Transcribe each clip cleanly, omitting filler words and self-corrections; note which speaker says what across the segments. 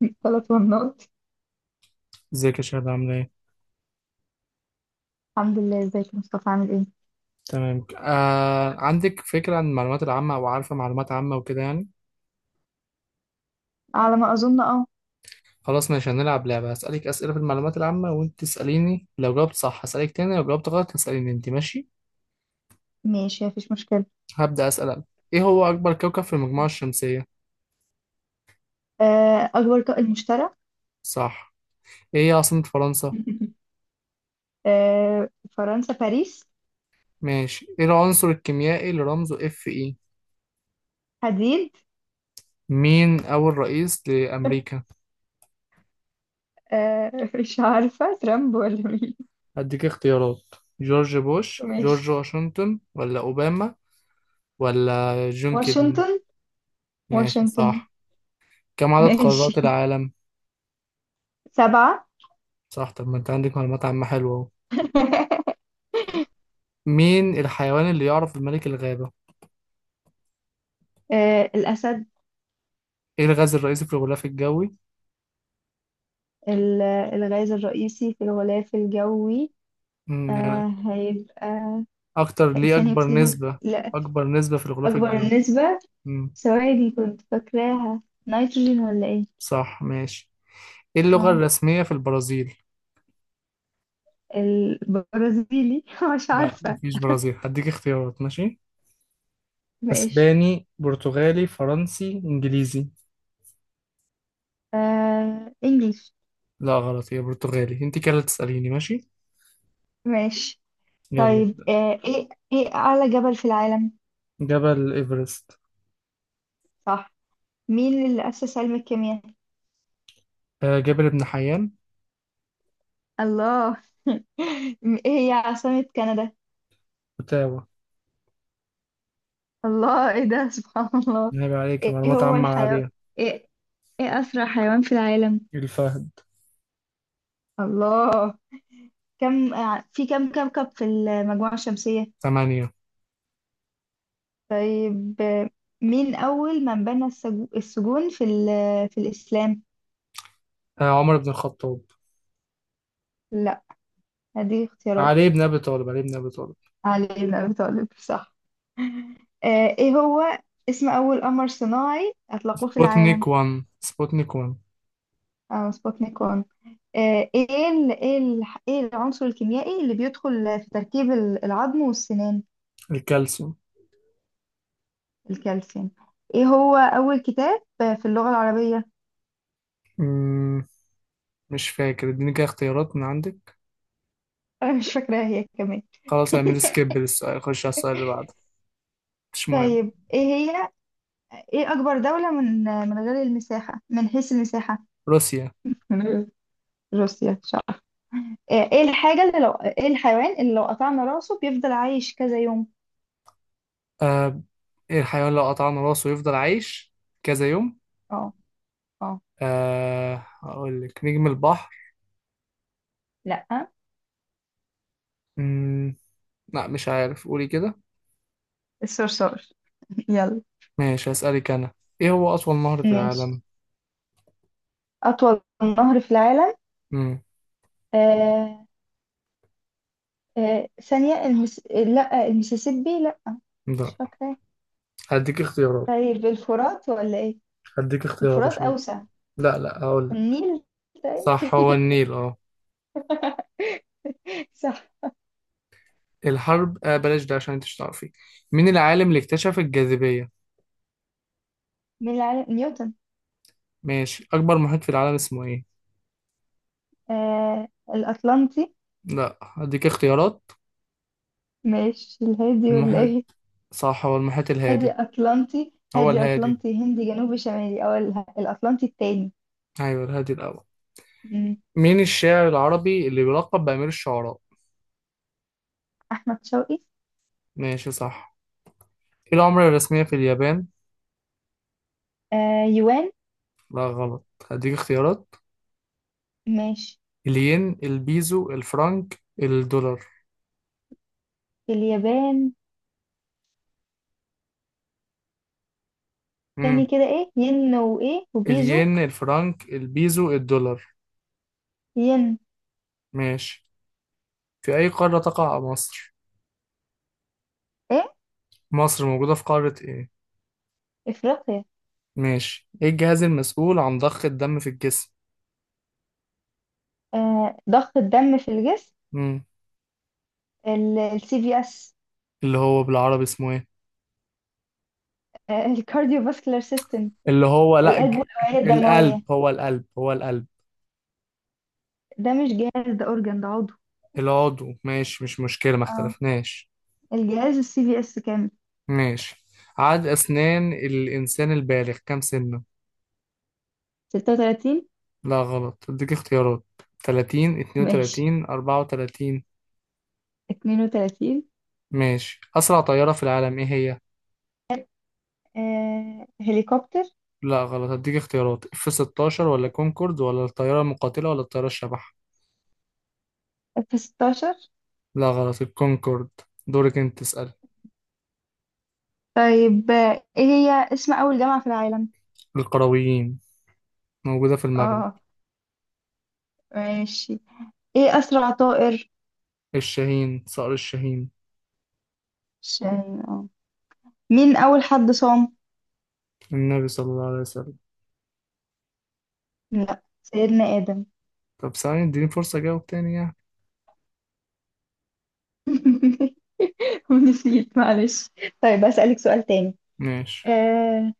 Speaker 1: 3 مرات.
Speaker 2: ازيك يا شهد عاملة ايه؟
Speaker 1: الحمد لله. ازيك يا مصطفى، عامل ايه؟
Speaker 2: تمام عندك فكرة عن المعلومات العامة أو عارفة معلومات عامة وكده يعني؟
Speaker 1: على ما اظن، اه.
Speaker 2: خلاص ماشي هنلعب لعبة هسألك أسئلة في المعلومات العامة وأنت تسأليني لو جاوبت صح هسألك تاني لو جاوبت غلط هتسأليني أنت ماشي؟
Speaker 1: ماشي، مفيش مشكله.
Speaker 2: هبدأ أسأل أنا. ايه هو أكبر كوكب في المجموعة الشمسية؟
Speaker 1: اكبر طائر مشترك.
Speaker 2: صح. ايه هي عاصمة فرنسا؟
Speaker 1: آه، فرنسا باريس.
Speaker 2: ماشي. ايه العنصر الكيميائي اللي رمزه اف اي؟
Speaker 1: حديد.
Speaker 2: مين أول رئيس لأمريكا؟
Speaker 1: مش عارفه، ترامب ولا مين؟
Speaker 2: هديك اختيارات: جورج بوش،
Speaker 1: ماشي.
Speaker 2: جورج واشنطن ولا أوباما، ولا جون كيدني؟
Speaker 1: واشنطن.
Speaker 2: ماشي
Speaker 1: واشنطن.
Speaker 2: صح. كم عدد قارات
Speaker 1: ماشي.
Speaker 2: العالم؟
Speaker 1: سبعه.
Speaker 2: صح، طب ما انت عندك معلومات عامة حلوة اهو. مين الحيوان اللي يعرف بملك الغابة؟
Speaker 1: الاسد.
Speaker 2: ايه الغاز الرئيسي في الغلاف الجوي؟
Speaker 1: ال- الغاز الرئيسي في الغلاف الجوي.
Speaker 2: يعني
Speaker 1: هيبقى
Speaker 2: اكتر ليه
Speaker 1: ثاني
Speaker 2: اكبر
Speaker 1: اكسيد
Speaker 2: نسبة؟
Speaker 1: لا.
Speaker 2: اكبر نسبة في الغلاف
Speaker 1: اكبر
Speaker 2: الجوي.
Speaker 1: نسبه.
Speaker 2: مم،
Speaker 1: ثواني، كنت فاكراها. نيتروجين، ولا ايه؟
Speaker 2: صح ماشي. ايه اللغة
Speaker 1: اه.
Speaker 2: الرسمية في البرازيل؟
Speaker 1: البرازيلي. مش
Speaker 2: لا
Speaker 1: عارفة.
Speaker 2: مفيش برازيل، هديك اختيارات ماشي.
Speaker 1: ماشي.
Speaker 2: اسباني، برتغالي، فرنسي، انجليزي.
Speaker 1: انجلش.
Speaker 2: لا غلط، هي برتغالي. انت كده اللي تسأليني ماشي.
Speaker 1: ماشي.
Speaker 2: يلا.
Speaker 1: طيب، ايه اعلى جبل في العالم؟
Speaker 2: جبل ايفرست.
Speaker 1: صح. مين اللي أسس علم الكيمياء؟
Speaker 2: جبل ابن حيان.
Speaker 1: الله. ايه هي عاصمة كندا؟
Speaker 2: اوتاوا.
Speaker 1: الله، ايه ده؟ سبحان الله.
Speaker 2: عيب عليك،
Speaker 1: ايه
Speaker 2: معلومات
Speaker 1: هو
Speaker 2: عامة
Speaker 1: الحيوان؟
Speaker 2: عالية.
Speaker 1: ايه ايه أسرع حيوان في العالم؟
Speaker 2: الفهد.
Speaker 1: الله. في كم كوكب في المجموعة الشمسية؟
Speaker 2: ثمانية.
Speaker 1: طيب. مين أول من بنى السجون في في الإسلام؟
Speaker 2: عمر بن الخطاب.
Speaker 1: لا، هدي اختيارات.
Speaker 2: علي بن أبي طالب، علي بن أبي طالب.
Speaker 1: علي بن أبي طالب. صح. إيه هو اسم أول قمر صناعي أطلقوه في
Speaker 2: سبوتنيك
Speaker 1: العالم؟
Speaker 2: 1، سبوتنيك 1.
Speaker 1: سبوتنيك 1. إيه العنصر الكيميائي اللي بيدخل في تركيب العظم والسنان؟
Speaker 2: الكالسيوم.
Speaker 1: الكالسيوم. إيه هو أول كتاب في اللغة العربية؟
Speaker 2: مم. مش فاكر، اديني كده اختيارات من عندك.
Speaker 1: أنا مش فاكراها هي كمان.
Speaker 2: خلاص اعمل سكيب للسؤال، خش على السؤال اللي بعده. مش مهم.
Speaker 1: طيب، إيه هي ايه اكبر دولة من غير المساحة، من حيث المساحة؟
Speaker 2: روسيا.
Speaker 1: من غير روسيا، مش عارفة. آه، ايه إيه الحاجة اللي لو ايه الحيوان اللي لو قطعنا راسه بيفضل عايش كذا يوم؟
Speaker 2: آه ايه الحيوان لو قطعنا راسه يفضل عايش كذا يوم.
Speaker 1: اه. اه.
Speaker 2: هقول لك نجم البحر.
Speaker 1: لا،
Speaker 2: مم. لا مش عارف، قولي كده.
Speaker 1: الصرصار. يلا.
Speaker 2: ماشي هسألك أنا. ايه هو أطول نهر في
Speaker 1: ماشي،
Speaker 2: العالم؟
Speaker 1: أطول نهر في العالم.
Speaker 2: مم.
Speaker 1: آه ثانية، لا، المسيسيبي، لا. مش
Speaker 2: ده
Speaker 1: فاكرة.
Speaker 2: هديك اختيارات.
Speaker 1: طيب، الفرات ولا إيه؟
Speaker 2: هديك اختيارات
Speaker 1: الفرات
Speaker 2: عشان.
Speaker 1: أوسع.
Speaker 2: لا لا هقول لك.
Speaker 1: النيل. طيب.
Speaker 2: صح هو النيل اه.
Speaker 1: صح.
Speaker 2: الحرب بلاش ده عشان انت مش تعرفي. مين العالم اللي اكتشف الجاذبية؟
Speaker 1: من العالم نيوتن.
Speaker 2: ماشي. أكبر محيط في العالم اسمه ايه؟
Speaker 1: آه الأطلنطي.
Speaker 2: لا هديك اختيارات.
Speaker 1: ماشي، الهادي ولا
Speaker 2: المحيط.
Speaker 1: ايه؟
Speaker 2: صح هو المحيط
Speaker 1: هادي،
Speaker 2: الهادي.
Speaker 1: اطلنطي،
Speaker 2: هو
Speaker 1: هادي،
Speaker 2: الهادي.
Speaker 1: اطلنطي، هندي، جنوبي، شمالي، او الاطلنطي التاني.
Speaker 2: أيوه الهادي الأول.
Speaker 1: مم.
Speaker 2: مين الشاعر العربي اللي بيلقب بأمير الشعراء؟
Speaker 1: احمد شوقي.
Speaker 2: ماشي صح. ايه العملة الرسمية في اليابان؟
Speaker 1: يوان.
Speaker 2: لا غلط، هديك اختيارات:
Speaker 1: ماشي،
Speaker 2: الين، البيزو، الفرنك، الدولار.
Speaker 1: اليابان. تاني
Speaker 2: امم.
Speaker 1: كده، ايه ين وايه وبيزو؟
Speaker 2: الين، الفرنك، البيزو، الدولار.
Speaker 1: ين.
Speaker 2: ماشي. في أي قارة تقع مصر؟
Speaker 1: ايه؟
Speaker 2: مصر موجودة في قارة إيه؟
Speaker 1: افريقيا.
Speaker 2: ماشي. إيه الجهاز المسؤول عن ضخ الدم في الجسم؟
Speaker 1: ضغط الدم في الجسم.
Speaker 2: مم.
Speaker 1: السي في اس.
Speaker 2: اللي هو بالعربي اسمه إيه؟
Speaker 1: الكارديو فاسكولار سيستم.
Speaker 2: اللي هو لأ
Speaker 1: القلب والاوعيه الدمويه.
Speaker 2: القلب هو القلب هو القلب.
Speaker 1: ده مش جهاز، ده اورجان، ده عضو.
Speaker 2: العضو ماشي، مش مشكلة، ما
Speaker 1: اه.
Speaker 2: اختلفناش.
Speaker 1: الجهاز السي في اس كامل.
Speaker 2: ماشي. عدد أسنان الإنسان البالغ كام سنة؟
Speaker 1: 36.
Speaker 2: لا غلط، أديك اختيارات: 30،
Speaker 1: ماشي،
Speaker 2: 32، 34.
Speaker 1: 32.
Speaker 2: ماشي. أسرع طيارة في العالم إيه هي؟
Speaker 1: هليكوبتر.
Speaker 2: لا غلط، هديك اختيارات: اف 16، ولا كونكورد، ولا الطيارة المقاتلة، ولا الطيارة الشبح.
Speaker 1: في 16.
Speaker 2: لا غلط، الكونكورد. دورك انت تسأل.
Speaker 1: طيب، ايه هي اسم أول جامعة في العالم؟
Speaker 2: القرويين، موجودة في المغرب.
Speaker 1: اه. ماشي. ايه أسرع طائر؟
Speaker 2: الشاهين، صقر الشاهين.
Speaker 1: عشان اه. مين أول حد صام؟
Speaker 2: النبي صلى الله عليه وسلم.
Speaker 1: لا، سيدنا آدم.
Speaker 2: طب ثانية اديني فرصة اجاوب تاني يعني.
Speaker 1: نسيت، معلش. طيب، أسألك سؤال تاني.
Speaker 2: ماشي.
Speaker 1: آه،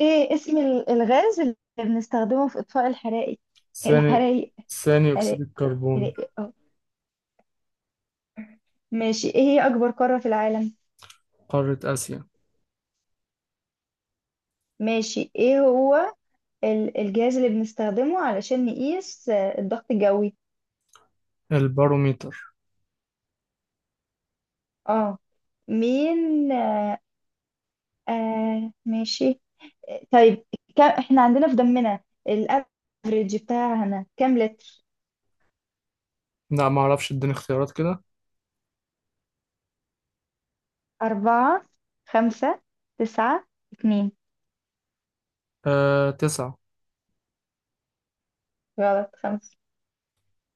Speaker 1: ايه اسم الغاز اللي بنستخدمه في إطفاء الحرائق،
Speaker 2: ثاني.
Speaker 1: الحرائق؟
Speaker 2: ثاني اكسيد
Speaker 1: حرائق.
Speaker 2: الكربون.
Speaker 1: حرائق. اه. ماشي، ايه هي أكبر قارة في العالم؟
Speaker 2: قارة اسيا.
Speaker 1: ماشي، ايه هو الجهاز اللي بنستخدمه علشان نقيس الضغط الجوي؟
Speaker 2: الباروميتر.
Speaker 1: اه. مين آه آه ماشي. طيب، كم احنا عندنا في دمنا الافريج بتاعنا كام لتر؟
Speaker 2: لا معرفش، اديني اختيارات كده.
Speaker 1: أربعة. خمسة. تسعة. اتنين.
Speaker 2: تسعة.
Speaker 1: غلط، خمسة.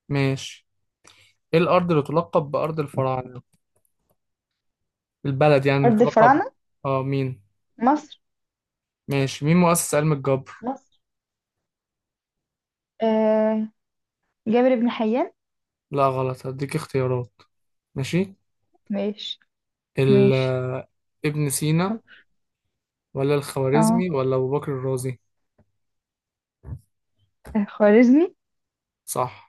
Speaker 2: ماشي. ايه الارض اللي تلقب بارض الفراعنة؟ البلد يعني اللي
Speaker 1: أرض
Speaker 2: تلقب.
Speaker 1: الفراعنة،
Speaker 2: اه مين.
Speaker 1: مصر.
Speaker 2: ماشي. مين مؤسس علم الجبر؟
Speaker 1: مصر. آه جابر بن حيان.
Speaker 2: لا غلط، هديك اختيارات. ماشي.
Speaker 1: ماشي.
Speaker 2: ال
Speaker 1: ماشي.
Speaker 2: آه، ابن سينا ولا
Speaker 1: اه.
Speaker 2: الخوارزمي ولا أبو بكر الرازي.
Speaker 1: خوارزمي.
Speaker 2: صح.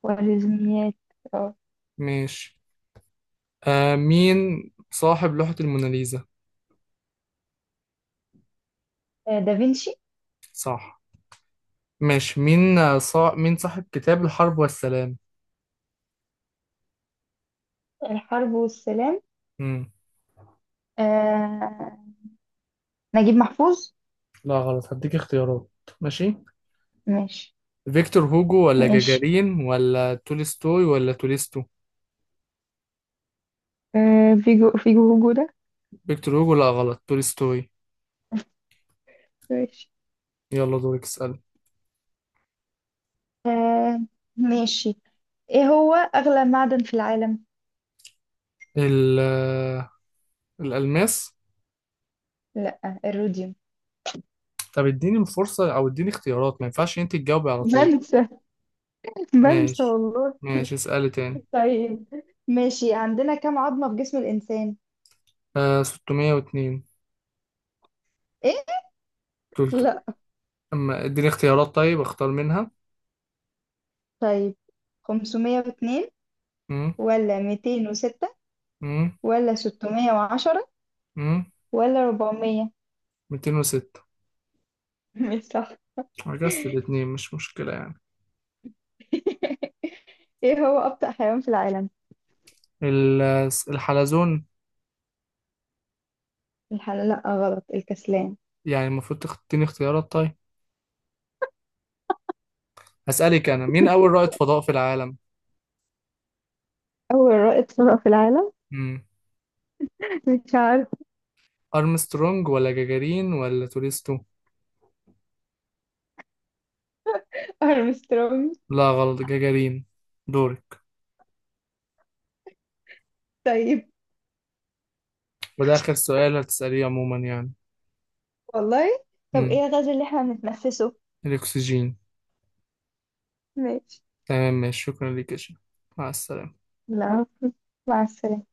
Speaker 1: خوارزميات. اه.
Speaker 2: ماشي. مين صاحب لوحة الموناليزا؟
Speaker 1: دافنشي.
Speaker 2: صح. ماشي مين، مين صاحب كتاب الحرب والسلام؟
Speaker 1: الحرب والسلام.
Speaker 2: مم.
Speaker 1: آه نجيب محفوظ.
Speaker 2: لا غلط، هديك اختيارات. ماشي.
Speaker 1: ماشي.
Speaker 2: فيكتور هوجو ولا
Speaker 1: ماشي.
Speaker 2: جاجارين ولا تولستوي ولا تولستو.
Speaker 1: آه فيجو فيجو هوجو ده.
Speaker 2: فيكتور هوجو، لا غلط، تولستوي.
Speaker 1: ماشي.
Speaker 2: يلا دورك اسأل.
Speaker 1: آه ماشي. ايه هو اغلى معدن في العالم؟
Speaker 2: ال... آه، الألماس.
Speaker 1: لا، الروديوم.
Speaker 2: طب اديني فرصة او اديني اختيارات، ما ينفعش انت تجاوبي على طول.
Speaker 1: بنسى. بنسى
Speaker 2: ماشي.
Speaker 1: والله.
Speaker 2: ماشي اسألي تاني.
Speaker 1: طيب. ماشي، عندنا كم عظمة في جسم الإنسان؟
Speaker 2: 602.
Speaker 1: ايه؟
Speaker 2: تلت...
Speaker 1: لا.
Speaker 2: اما اديني اختيارات طيب اختار منها.
Speaker 1: طيب، 502
Speaker 2: مم.
Speaker 1: ولا 206
Speaker 2: مم.
Speaker 1: ولا 610
Speaker 2: مم.
Speaker 1: ولا 400؟
Speaker 2: 206.
Speaker 1: مش صح.
Speaker 2: عجزت الاتنين، مش مشكلة يعني.
Speaker 1: ايه هو أبطأ حيوان في العالم؟
Speaker 2: الحلزون.
Speaker 1: لا، غلط، الكسلان.
Speaker 2: يعني المفروض تديني اختيارات طيب. هسألك انا مين اول رائد فضاء في العالم.
Speaker 1: أول رائد فضاء في العالم.
Speaker 2: مم.
Speaker 1: مش عارف.
Speaker 2: ارمسترونج ولا جاجارين ولا توريستو.
Speaker 1: أرمسترونج.
Speaker 2: لا غلط، جاجارين. دورك.
Speaker 1: طيب.
Speaker 2: وده اخر سؤال هتسأليه عموما يعني.
Speaker 1: والله. طب إيه الغاز اللي إحنا بنتنفسه؟
Speaker 2: الأكسجين.
Speaker 1: ماشي.
Speaker 2: تمام ماشي، شكرا ليك يا شيخ. مع السلامة.
Speaker 1: لا. مع السلامة.